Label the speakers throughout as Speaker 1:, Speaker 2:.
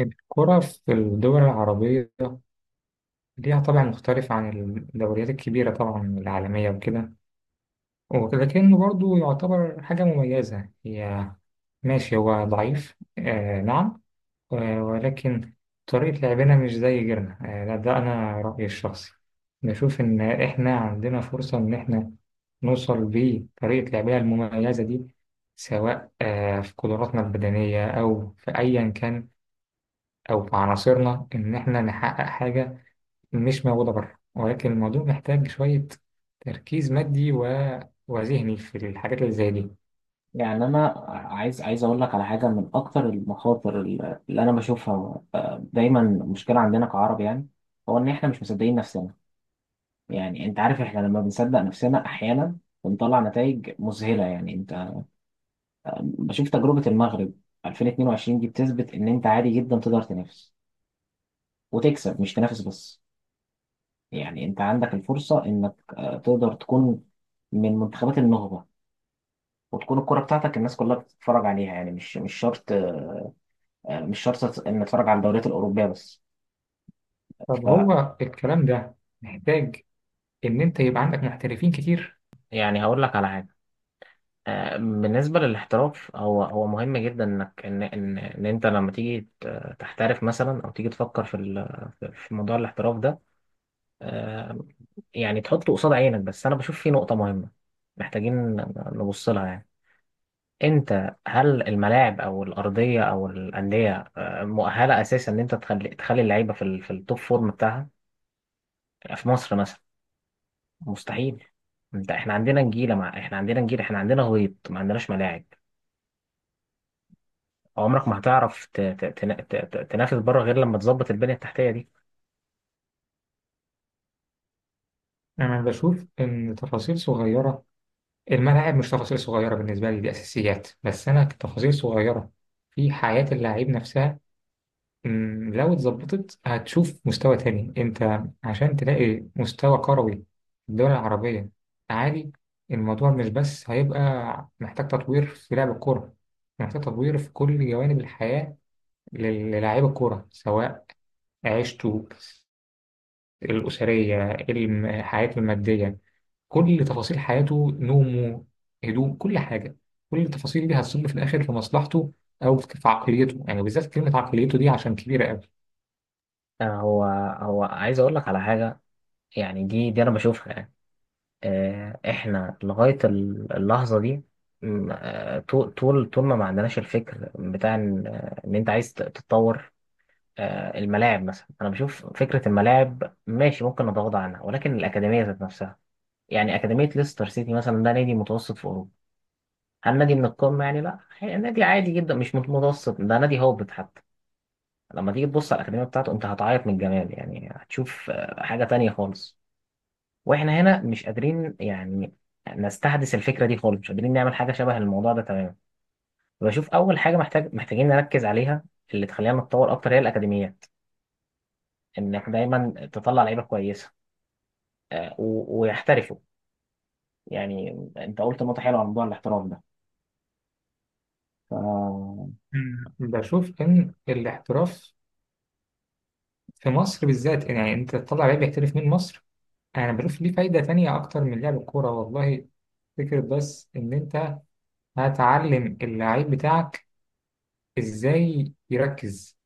Speaker 1: الكرة في الدول العربية ليها طبع مختلف عن الدوريات الكبيرة طبعا العالمية وكده، ولكنه برضو يعتبر حاجة مميزة. هي ماشي، هو ضعيف، آه نعم، ولكن طريقة لعبنا مش زي غيرنا. آه لا، ده أنا رأيي الشخصي. بشوف إن إحنا عندنا فرصة إن إحنا نوصل بطريقة لعبنا المميزة دي، سواء في قدراتنا البدنية أو في أيا كان أو في عناصرنا، إن إحنا نحقق حاجة مش موجودة بره. ولكن الموضوع محتاج شوية تركيز مادي وذهني في الحاجات اللي زي دي.
Speaker 2: يعني انا عايز اقول لك على حاجه من اكتر المخاطر اللي انا بشوفها دايما مشكله عندنا كعرب. يعني هو ان احنا مش مصدقين نفسنا. يعني انت عارف احنا لما بنصدق نفسنا احيانا بنطلع نتائج مذهله. يعني انت بشوف تجربه المغرب 2022 دي بتثبت ان انت عادي جدا تقدر تنافس وتكسب، مش تنافس بس. يعني انت عندك الفرصه انك تقدر تكون من منتخبات النخبه، وتكون الكرة بتاعتك الناس كلها بتتفرج عليها. يعني مش شرط، مش شرط ان اتفرج على الدوريات الاوروبيه بس.
Speaker 1: طب
Speaker 2: ف
Speaker 1: هو الكلام ده محتاج إن أنت يبقى عندك محترفين كتير.
Speaker 2: يعني هقول لك على حاجه. بالنسبه للاحتراف، هو مهم جدا انك ان انت لما تيجي تحترف مثلا، او تيجي تفكر في في موضوع الاحتراف ده، آه، يعني تحطه قصاد عينك. بس انا بشوف في نقطه مهمه محتاجين نبص لها. يعني انت، هل الملاعب او الارضيه او الانديه مؤهله اساسا ان انت تخلي اللعيبه في في التوب فورم بتاعها؟ في مصر مثلا مستحيل. انت، احنا عندنا نجيله، مع احنا عندنا نجيله، احنا عندنا غيط، ما عندناش ملاعب. عمرك ما هتعرف ت... ت... تنا- ت... ت... تنافس بره غير لما تظبط البنيه التحتيه دي.
Speaker 1: أنا بشوف إن تفاصيل صغيرة، الملاعب مش تفاصيل صغيرة بالنسبة لي، دي أساسيات، بس أنا تفاصيل صغيرة في حياة اللاعب نفسها. لو اتظبطت هتشوف مستوى تاني. انت عشان تلاقي مستوى كروي في الدول العربية عالي، الموضوع مش بس هيبقى محتاج تطوير في لعب الكورة، محتاج تطوير في كل جوانب الحياة للاعيب الكورة، سواء عيشته الأسرية، حياته المادية، كل تفاصيل حياته، نومه، هدوء، كل حاجة. كل التفاصيل دي هتصب في الآخر في مصلحته أو في عقليته. يعني بالذات كلمة عقليته دي، عشان كبيرة أوي.
Speaker 2: آه، هو هو عايز اقول لك على حاجه يعني، دي انا بشوفها. يعني احنا لغايه اللحظه دي، طول ما عندناش الفكر بتاع ان إن انت عايز تتطور. الملاعب مثلا، انا بشوف فكره الملاعب ماشي، ممكن نتغاضى عنها، ولكن الاكاديميه ذات نفسها. يعني أكاديمية ليستر سيتي مثلا، ده نادي متوسط في أوروبا. هل نادي من القمة يعني؟ لا، هي نادي عادي جدا، مش مت- متوسط، ده نادي هابط حتى. لما تيجي تبص على الأكاديمية بتاعته، أنت هتعيط من الجمال. يعني هتشوف حاجة تانية خالص. وإحنا هنا مش قادرين يعني نستحدث الفكرة دي خالص، مش قادرين نعمل حاجة شبه الموضوع ده تماما. بشوف أول حاجة محتاجين نركز عليها، اللي تخلينا نتطور أكتر، هي الأكاديميات. إنك دايما تطلع لعيبة كويسة، ويحترفوا يعني. أنت قلت نقطة حلوة عن موضوع الاحتراف ده.
Speaker 1: مم. بشوف إن الاحتراف في مصر بالذات، يعني أنت تطلع لعيب يحترف من مصر، أنا بشوف ليه فايدة تانية أكتر من لعب الكورة والله. فكرة بس إن أنت هتعلم اللعيب بتاعك إزاي يركز.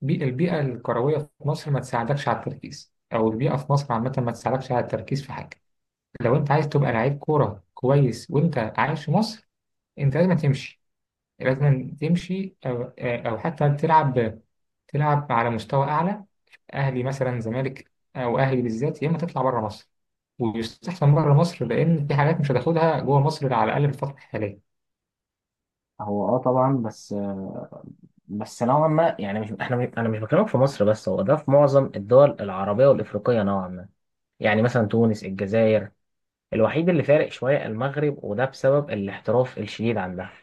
Speaker 1: البيئة الكروية في مصر ما تساعدكش على التركيز، أو البيئة في مصر عامة ما تساعدكش على التركيز في حاجة. لو أنت عايز تبقى لعيب كورة كويس وأنت عايش في مصر، أنت لازم تمشي، لازم تمشي أو حتى تلعب، تلعب على مستوى أعلى. اهلي مثلا، زمالك او اهلي بالذات، يا اما تطلع بره مصر، ويستحسن بره مصر، لان في حاجات مش هتاخدها جوه مصر على الاقل في الفتره الحاليه.
Speaker 2: هو اه طبعا، بس بس نوعا ما يعني. مش احنا مش- انا مش بكلمك في مصر بس، هو ده في معظم الدول العربيه والافريقيه نوعا ما. يعني مثلا تونس، الجزائر. الوحيد اللي فارق شويه المغرب، وده بسبب الاحتراف الشديد عندها.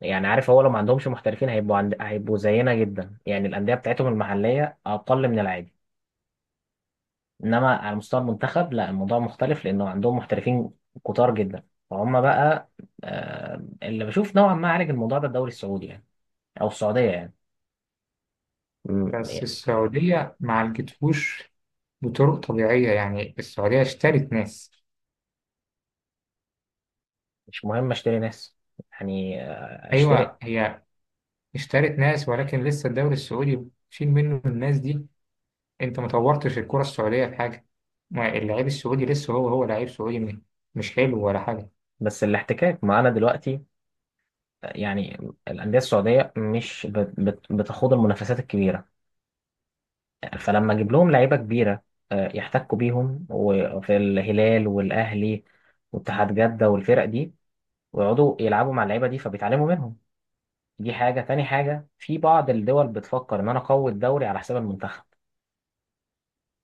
Speaker 2: يعني عارف، هو لو ما عندهمش محترفين هيبقوا زينا جدا. يعني الانديه بتاعتهم المحليه اقل من العادي، انما على مستوى المنتخب لا، الموضوع مختلف لانه عندهم محترفين كتار جدا. فهم بقى اللي بشوف نوعا ما عالج الموضوع ده الدوري السعودي يعني، او السعوديه يعني. مم،
Speaker 1: بس
Speaker 2: يعني
Speaker 1: السعوديه ما عالجتهوش بطرق طبيعيه، يعني السعوديه اشترت ناس.
Speaker 2: مش مهم اشتري ناس. يعني اشتري.
Speaker 1: ايوه، هي اشترت ناس، ولكن لسه الدوري السعودي، شيل منه الناس دي، انت ما طورتش الكره السعوديه في حاجه. ما اللعيب السعودي لسه هو هو لعيب سعودي، مش حلو ولا حاجه.
Speaker 2: بس الاحتكاك معانا دلوقتي، يعني الانديه السعوديه مش بتخوض المنافسات الكبيره. فلما اجيب لهم لعيبه كبيره يحتكوا بيهم، وفي الهلال والاهلي واتحاد جده والفرق دي، ويقعدوا يلعبوا مع اللعيبه دي فبيتعلموا منهم. دي حاجه. تاني حاجه، في بعض الدول بتفكر ان انا اقوي الدوري على حساب المنتخب.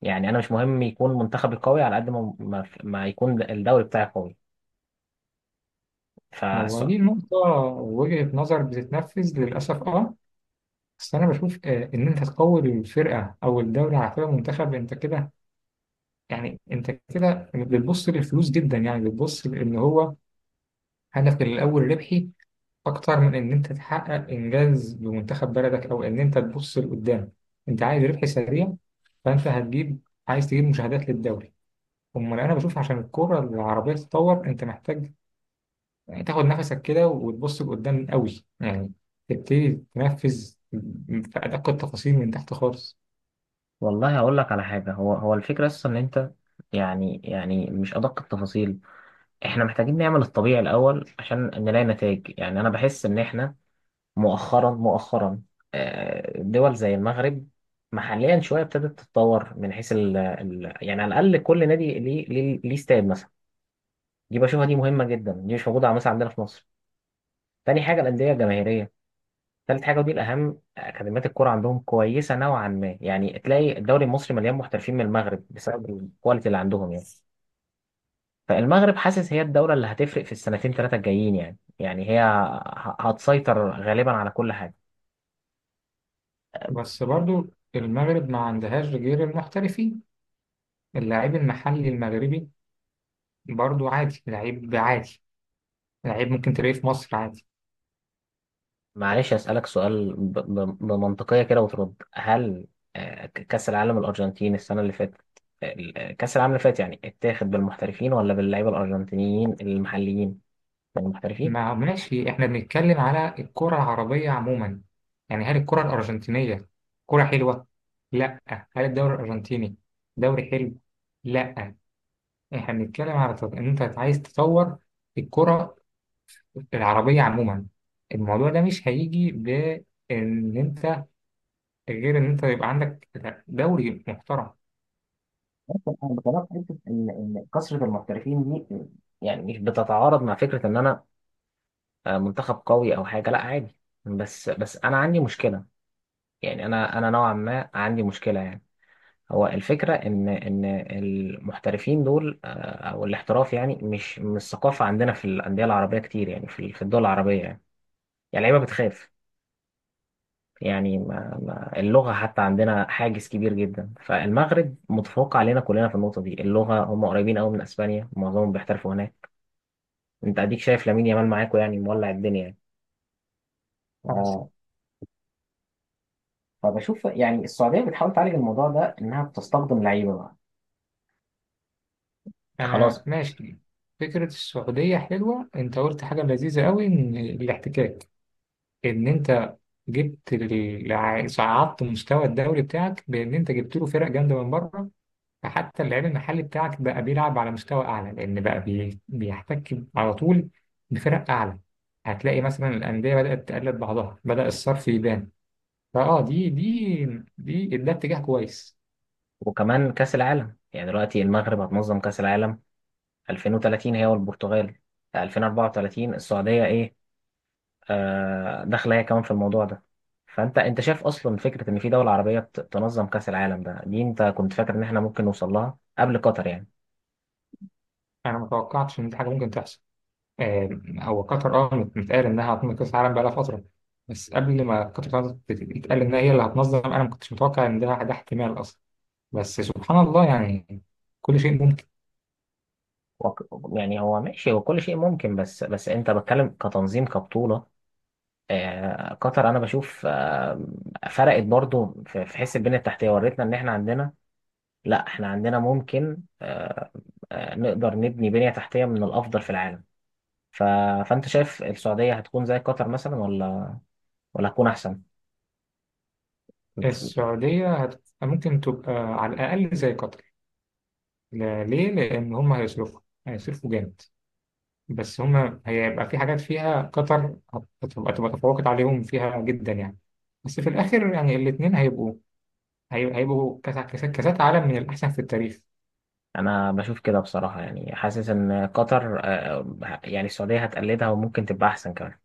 Speaker 2: يعني انا مش مهم يكون منتخبي قوي على قد ما ما يكون الدوري بتاعي
Speaker 1: هو
Speaker 2: قوي.
Speaker 1: دي النقطة، وجهة نظر بتتنفذ للأسف، اه. بس انا بشوف، ان انت تقوي الفرقه او الدوري على فرقه منتخب، انت كده، يعني انت كده بتبص للفلوس جدا، يعني بتبص لان هو هدفك الاول ربحي، اكتر من ان انت تحقق انجاز بمنتخب بلدك، او ان انت تبص لقدام. انت عايز ربح سريع، فانت هتجيب، عايز تجيب مشاهدات للدوري. امال انا بشوف عشان الكره العربيه تتطور، انت محتاج يعني تاخد نفسك كده وتبص لقدام قوي، يعني تبتدي تنفذ في ادق التفاصيل من تحت خالص.
Speaker 2: والله هقول لك على حاجة، هو الفكرة أصلا إن أنت، يعني مش أدق التفاصيل، إحنا محتاجين نعمل الطبيعي الأول عشان نلاقي نتائج. يعني أنا بحس إن إحنا مؤخرا، دول زي المغرب محليا شوية ابتدت تتطور، من حيث ال يعني على الأقل كل نادي ليه ليه استاد مثلا. دي بشوفها دي مهمة جدا، دي مش موجودة مثلا عندنا في مصر. تاني حاجة الأندية الجماهيرية. تالت حاجة ودي الأهم، أكاديميات الكرة عندهم كويسة نوعا ما. يعني تلاقي الدوري المصري مليان محترفين من المغرب بسبب الكواليتي اللي عندهم. يعني فالمغرب حاسس هي الدولة اللي هتفرق في السنتين ثلاثة الجايين. يعني هي هتسيطر غالبا على كل حاجة.
Speaker 1: بس برضو المغرب ما عندهاش غير المحترفين، اللاعب المحلي المغربي برضو عادي، لعيب عادي، لعيب ممكن تلاقيه في مصر عادي.
Speaker 2: معلش أسألك سؤال بمنطقية كده وترد. هل كأس العالم الأرجنتين السنة اللي فاتت، كأس العالم اللي فات يعني، اتاخد بالمحترفين ولا باللعيبة الأرجنتينيين المحليين؟ بالمحترفين.
Speaker 1: ما ماشي، احنا بنتكلم على الكرة العربية عموما. يعني هل الكرة الأرجنتينية كرة حلوة؟ لا. هل الدوري الأرجنتيني دوري حلو؟ لا. احنا بنتكلم على ان انت عايز تطور الكرة العربية عموما. الموضوع ده مش هيجي بان انت، غير إن أنت يبقى عندك دوري محترم.
Speaker 2: بس انا بكلمك في حته ان إن كثره المحترفين دي يعني مش بتتعارض مع فكره ان انا منتخب قوي او حاجه، لا عادي. بس انا عندي مشكله. يعني انا نوعا ما عندي مشكله يعني. هو الفكره ان المحترفين دول او الاحتراف، يعني مش ثقافه عندنا في الانديه العربيه كتير، يعني في الدول العربيه. يعني يعني اللعيبه بتخاف. يعني ما اللغه حتى عندنا حاجز كبير جدا. فالمغرب متفوق علينا كلنا في النقطه دي، اللغه، هم قريبين قوي من اسبانيا، معظمهم بيحترفوا هناك. انت اديك شايف لامين يامال معاكو، يعني مولع الدنيا يعني.
Speaker 1: 5.
Speaker 2: اه. فبشوف يعني السعوديه بتحاول تعالج الموضوع ده، انها بتستخدم لعيبه بقى.
Speaker 1: أنا
Speaker 2: خلاص.
Speaker 1: ماشي. فكرة السعودية حلوة، أنت قلت حاجة لذيذة أوي، إن الاحتكاك، إن أنت جبت صعدت مستوى الدوري بتاعك بإن أنت جبت له فرق جامدة من بره. فحتى اللعيب المحلي بتاعك بقى بيلعب على مستوى أعلى، لأن بقى بيحتك على طول بفرق أعلى. هتلاقي مثلا الأندية بدأت تقلد بعضها، بدأ الصرف يبان. فأه دي دي دي ده اتجاه كويس.
Speaker 2: وكمان كاس العالم يعني، دلوقتي المغرب هتنظم كاس العالم 2030 هي والبرتغال، 2034 السعوديه، ايه آه داخله هي كمان في الموضوع ده. فانت شايف اصلا فكره ان في دوله عربيه تنظم كاس العالم ده؟ دي انت كنت فاكر ان احنا ممكن نوصل لها قبل قطر يعني؟
Speaker 1: انا ما توقعتش ان دي حاجه ممكن تحصل. آه، هو قطر، متقال انها هتنظم كاس العالم بقالها فتره. بس قبل ما قطر يتقال انها هي اللي هتنظم، انا ما كنتش متوقع ان ده احتمال اصلا. بس سبحان الله، يعني كل شيء ممكن.
Speaker 2: وك- يعني هو ماشي، هو كل شيء ممكن، بس انت بتكلم كتنظيم كبطوله. قطر انا بشوف فرقت برضو في حس البنيه التحتيه، وريتنا ان احنا عندنا، لا احنا عندنا ممكن، نقدر نبني بنيه تحتيه من الافضل في العالم. ف... فانت شايف السعوديه هتكون زي قطر مثلا، ولا ولا هتكون احسن؟
Speaker 1: السعوديه ممكن تبقى على الاقل زي قطر. ليه؟ لان هم هيصرفوا، هيصرفوا جامد. بس هم هيبقى في حاجات فيها قطر هتبقى، تفوقت عليهم فيها جدا يعني. بس في الاخر يعني الاثنين هيبقوا، هيبقوا كاس كاسات عالم من الأحسن في التاريخ.
Speaker 2: انا بشوف كده بصراحه، يعني حاسس ان قطر يعني السعوديه هتقلدها وممكن تبقى احسن كمان.